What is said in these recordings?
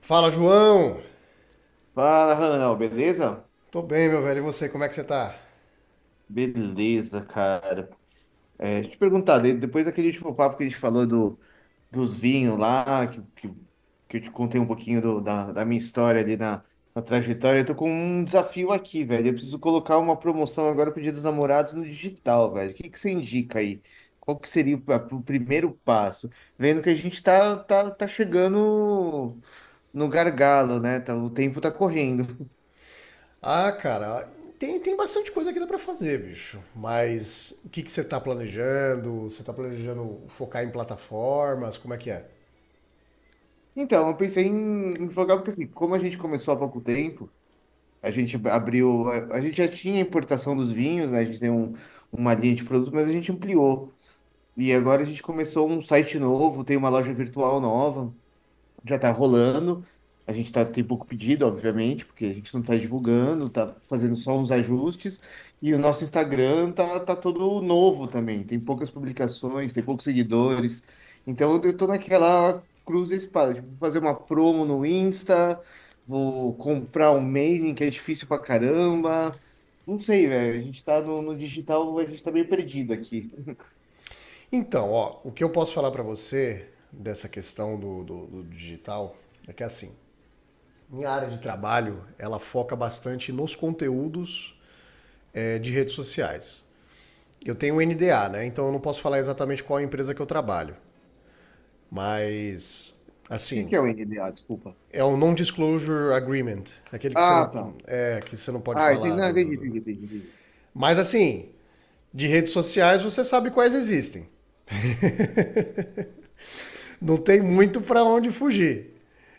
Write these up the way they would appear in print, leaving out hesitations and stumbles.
Fala, João! Fala, Ranal, beleza? Tô bem, meu velho. E você, como é que você tá? Beleza, cara. Deixa eu te perguntar, depois daquele último papo que a gente falou dos vinhos lá, que eu te contei um pouquinho da minha história na trajetória. Eu tô com um desafio aqui, velho. Eu preciso colocar uma promoção agora pro Dia dos Namorados no digital, velho. O que que você indica aí? Qual que seria o primeiro passo? Vendo que a gente tá chegando no gargalo, né? Tá, o tempo tá correndo. Ah, cara, tem bastante coisa que dá pra fazer, bicho. Mas o que que você tá planejando? Você tá planejando focar em plataformas? Como é que é? Então, eu pensei em focar, porque assim, como a gente começou há pouco tempo, a gente já tinha importação dos vinhos, né? A gente tem um, uma linha de produtos, mas a gente ampliou. E agora a gente começou um site novo, tem uma loja virtual nova já tá rolando. Tem pouco pedido, obviamente, porque a gente não tá divulgando, tá fazendo só uns ajustes. E o nosso Instagram tá todo novo também. Tem poucas publicações, tem poucos seguidores. Então eu tô naquela cruz e espada. Tipo, vou fazer uma promo no Insta, vou comprar um mailing que é difícil pra caramba. Não sei, velho. A gente tá no digital, a gente tá meio perdido aqui. O Então, ó, o que eu posso falar pra você dessa questão do digital é que assim, minha área de trabalho, ela foca bastante nos conteúdos de redes sociais. Eu tenho um NDA, né? Então eu não posso falar exatamente qual empresa que eu trabalho. Mas, que assim, que é o NDA? Desculpa. é um non-disclosure agreement, aquele que você não Ah, tá. é que você não pode Ah, entendi. falar Não, do, do, entendi, do. entendi, entendi. Mas assim, de redes sociais você sabe quais existem. Não tem muito para onde fugir.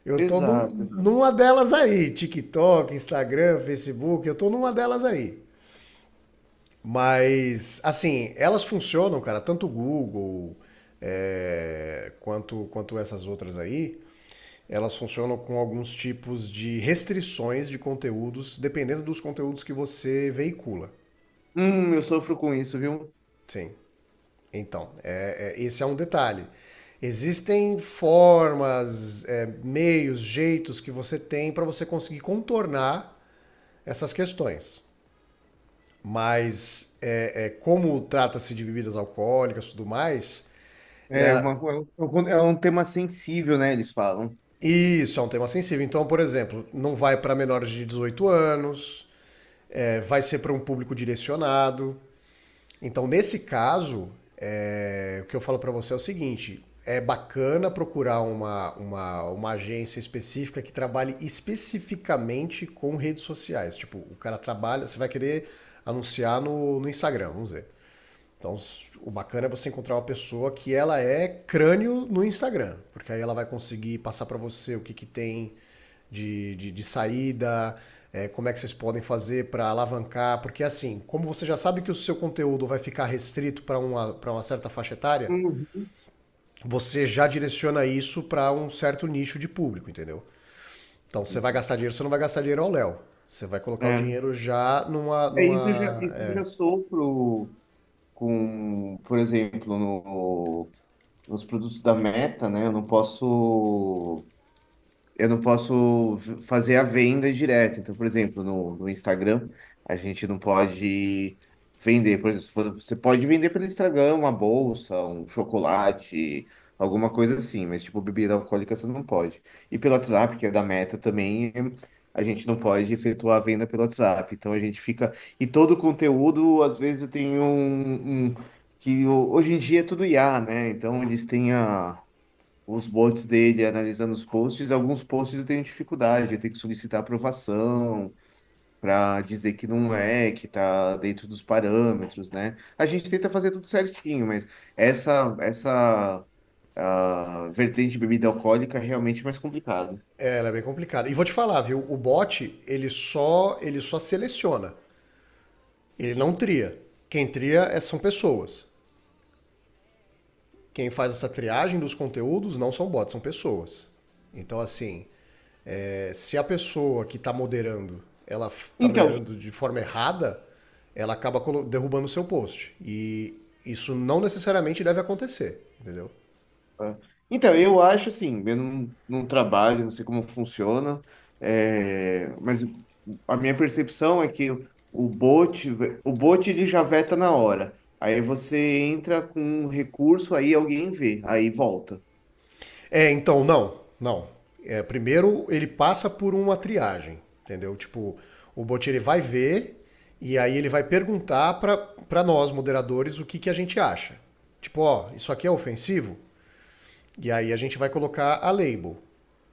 Eu tô num- Exato. Numa delas aí, TikTok, Instagram, Facebook, eu tô numa delas aí. Mas assim, elas funcionam, cara, tanto o Google quanto essas outras aí, elas funcionam com alguns tipos de restrições de conteúdos, dependendo dos conteúdos que você veicula. Eu sofro com isso, viu? Sim. Então, esse é um detalhe. Existem formas, é, meios, jeitos que você tem para você conseguir contornar essas questões. Mas, como trata-se de bebidas alcoólicas e tudo mais, né, É, uma, É um tema sensível, né? Eles falam. isso é um tema sensível. Então, por exemplo, não vai para menores de 18 anos, é, vai ser para um público direcionado. Então, nesse caso, é, o que eu falo para você é o seguinte: é bacana procurar uma agência específica que trabalhe especificamente com redes sociais. Tipo, o cara trabalha, você vai querer anunciar no Instagram, vamos dizer. Então, o bacana é você encontrar uma pessoa que ela é crânio no Instagram, porque aí ela vai conseguir passar para você o que, que tem de saída, é, como é que vocês podem fazer para alavancar, porque assim, como você já sabe que o seu conteúdo vai ficar restrito para para uma certa faixa etária, Uhum. você já direciona isso para um certo nicho de público, entendeu? Então, você vai Uhum. gastar dinheiro, você não vai gastar dinheiro ao Léo. Você vai colocar o É, dinheiro já numa, é, numa, isso eu já é. sofro com, por exemplo, no, nos produtos da Meta, né? Eu não posso. Eu não posso fazer a venda direta. Então, por exemplo, no Instagram, a gente não pode vender. Por exemplo, se for- você pode vender pelo Instagram uma bolsa, um chocolate, alguma coisa assim, mas tipo, bebida alcoólica você não pode. E pelo WhatsApp, que é da Meta também, a gente não pode efetuar a venda pelo WhatsApp. Então a gente fica. E todo o conteúdo, às vezes, eu tenho um. Um- Que hoje em dia é tudo IA, né? Então eles têm os bots dele, analisando os posts, alguns posts eu tenho dificuldade, eu tenho que solicitar aprovação para dizer que não é, que tá dentro dos parâmetros, né? A gente tenta fazer tudo certinho, mas essa vertente de bebida alcoólica é realmente mais complicado. É, ela é bem complicada. E vou te falar, viu? O bot, ele só seleciona. Ele não tria. Quem tria são pessoas. Quem faz essa triagem dos conteúdos não são bots, são pessoas. Então, assim, é, se a pessoa que está moderando, ela está Então, moderando de forma errada, ela derrubando o seu post. E isso não necessariamente deve acontecer, entendeu? É. Então, eu acho assim, eu não trabalho, não sei como funciona, é, mas a minha percepção é que o bot, o bot ele já veta na hora. Aí você entra com um recurso, aí alguém vê, aí volta. É, então, não. É, primeiro ele passa por uma triagem, entendeu? Tipo, o bot ele vai ver e aí ele vai perguntar pra nós, moderadores, o que, que a gente acha. Tipo, ó, isso aqui é ofensivo? E aí a gente vai colocar a label.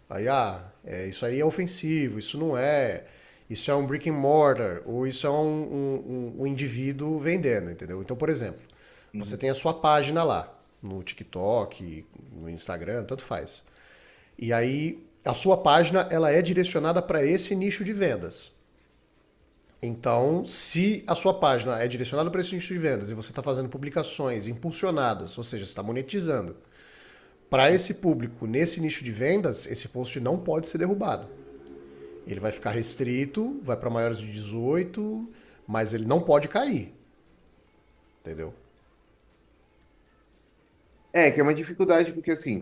Aí, ah, é, isso aí é ofensivo, isso não é, isso é um brick and mortar, ou isso é um indivíduo vendendo, entendeu? Então, por exemplo, você Uhum. tem a sua página lá, no TikTok, no Instagram, tanto faz. E aí a sua página ela é direcionada para esse nicho de vendas. Então, se a sua página é direcionada para esse nicho de vendas e você está fazendo publicações impulsionadas, ou seja, você está monetizando, para esse público nesse nicho de vendas, esse post não pode ser derrubado. Ele vai ficar restrito, vai para maiores de 18, mas ele não pode cair, entendeu? É, que é uma dificuldade, porque assim,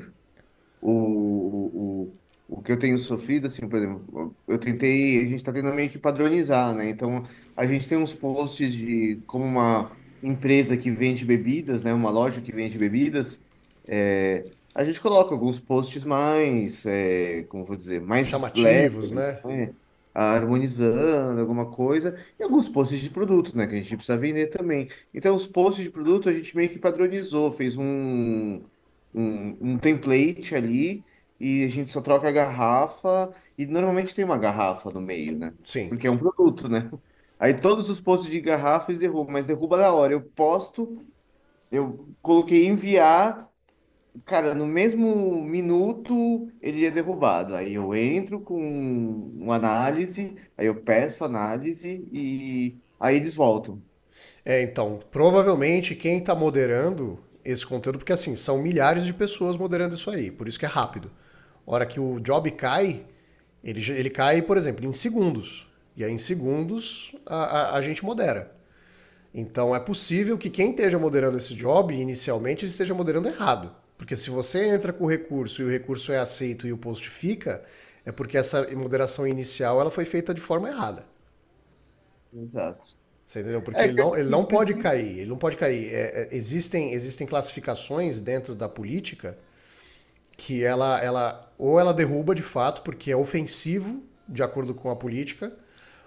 o, o que eu tenho sofrido, assim, por exemplo, eu tentei, a gente está tentando meio que padronizar, né? Então, a gente tem uns posts de como uma empresa que vende bebidas, né? Uma loja que vende bebidas, é, a gente coloca alguns posts mais, é, como eu vou dizer, mais leves, Chamativos, né? né? Harmonizando alguma coisa, e alguns posts de produto, né, que a gente precisa vender também. Então, os posts de produto a gente meio que padronizou, fez um, um, um template ali e a gente só troca a garrafa e normalmente tem uma garrafa no meio, né? Sim. Porque é um produto, né? Aí todos os posts de garrafas derrubam, mas derruba na hora. Eu posto, eu coloquei enviar, cara, no mesmo minuto ele é derrubado. Aí eu entro com uma análise, aí eu peço análise e aí eles voltam. É, então, provavelmente quem está moderando esse conteúdo, porque assim, são milhares de pessoas moderando isso aí, por isso que é rápido. A hora que o job cai, ele cai, por exemplo, em segundos. E aí, em segundos, a gente modera. Então, é possível que quem esteja moderando esse job, inicialmente, esteja moderando errado. Porque se você entra com o recurso e o recurso é aceito e o post fica, é porque essa moderação inicial ela foi feita de forma errada. Exato. Você entendeu? Porque É, que ele assim, não pode cair. Ele não pode cair. Existem, classificações dentro da política que ela ou ela derruba de fato porque é ofensivo de acordo com a política,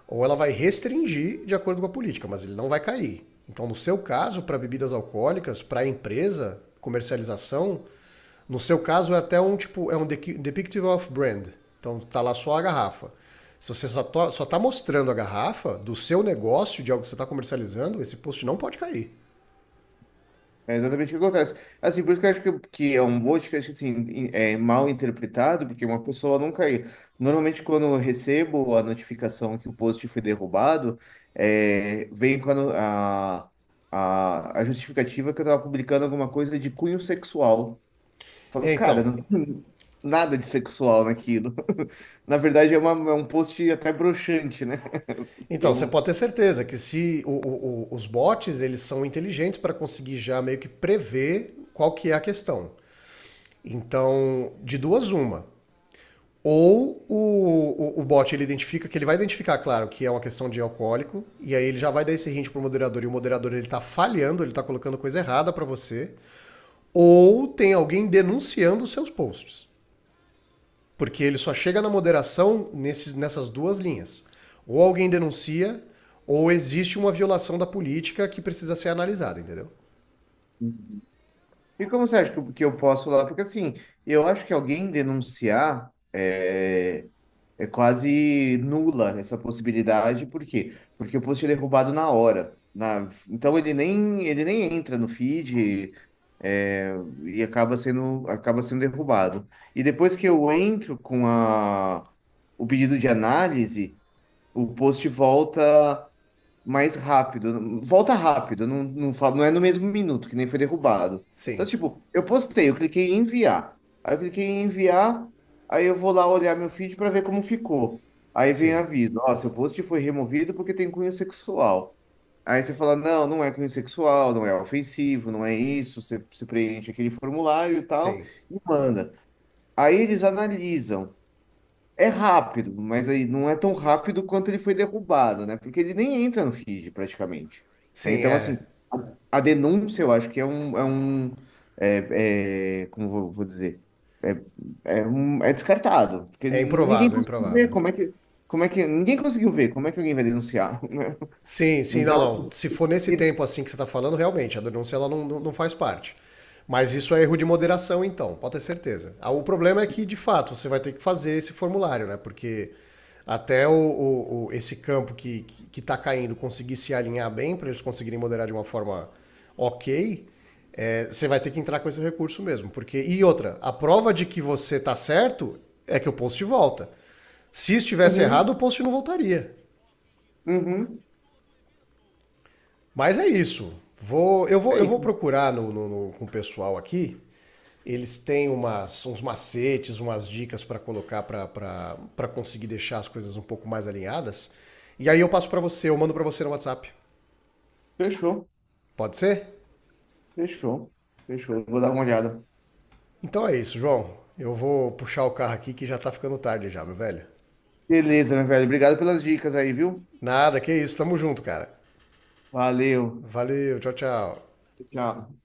ou ela vai restringir de acordo com a política, mas ele não vai cair. Então, no seu caso, para bebidas alcoólicas, para a empresa, comercialização, no seu caso é até um tipo, é um depictive of brand. Então tá lá só a garrafa. Se você só, só tá mostrando a garrafa do seu negócio, de algo que você está comercializando, esse post não pode cair. É exatamente o que acontece. Assim, por isso que eu acho que é um mote que eu acho assim, é mal interpretado, porque uma pessoa nunca. Normalmente, quando eu recebo a notificação que o post foi derrubado, é, vem a justificativa que eu tava publicando alguma coisa de cunho sexual. Eu falo, É, cara, então, não tem nada de sexual naquilo. Na verdade, é, uma, é um post até broxante, né? Porque é então você um, pode ter certeza que se os bots eles são inteligentes para conseguir já meio que prever qual que é a questão. Então, de duas uma, ou o bot ele identifica, que ele vai identificar, claro, que é uma questão de alcoólico, e aí ele já vai dar esse hint pro moderador, e o moderador ele tá falhando, ele tá colocando coisa errada para você. Ou tem alguém denunciando os seus posts. Porque ele só chega na moderação nessas duas linhas. Ou alguém denuncia, ou existe uma violação da política que precisa ser analisada, entendeu? e como você acha que eu posso falar? Porque assim, eu acho que alguém denunciar é, é quase nula essa possibilidade. Por quê? Porque o post é derrubado na hora. Na, então ele nem entra no feed é, e acaba sendo derrubado. E depois que eu entro com a, o pedido de análise, o post volta mais rápido, volta rápido, não é no mesmo minuto que nem foi derrubado. Então, Sim, tipo, eu postei, eu cliquei em enviar. Aí eu cliquei em enviar, aí eu vou lá olhar meu feed para ver como ficou. Aí vem sim, aviso, ó, seu post foi removido porque tem cunho sexual. Aí você fala, não, não é cunho sexual, não é ofensivo, não é isso. Você, você preenche aquele formulário e tal, sim, e manda. Aí eles analisam. É rápido, mas aí não é tão rápido quanto ele foi derrubado, né? Porque ele nem entra no feed, praticamente. Né? sim, Então, assim, é. a denúncia eu acho que é é um como vou, vou dizer, é, é descartado, porque É ninguém improvável, é conseguiu ver improvável. Como é que ninguém conseguiu ver como é que alguém vai denunciar, né? Sim, sim, não, Então, não. Se for nesse e- tempo assim que você está falando, realmente, a denúncia ela não faz parte. Mas isso é erro de moderação, então, pode ter certeza. Ah, o problema é que, de fato, você vai ter que fazer esse formulário, né? Porque até esse campo que está caindo conseguir se alinhar bem para eles conseguirem moderar de uma forma ok, é, você vai ter que entrar com esse recurso mesmo. Porque, e outra, a prova de que você está certo é que o post volta. Se estivesse errado, uhum, o post não voltaria. uhum, Mas é isso. Eu é vou isso. procurar com o pessoal aqui. Eles têm umas, uns macetes, umas dicas para colocar para conseguir deixar as coisas um pouco mais alinhadas. E aí eu passo para você, eu mando para você no WhatsApp. Fechou, Pode ser? fechou, fechou. Vou dar uma olhada. Então é isso, João. Eu vou puxar o carro aqui que já tá ficando tarde já, meu velho. Beleza, meu velho. Obrigado pelas dicas aí, viu? Nada, que isso. Tamo junto, cara. Valeu. Valeu, tchau, tchau. Tchau.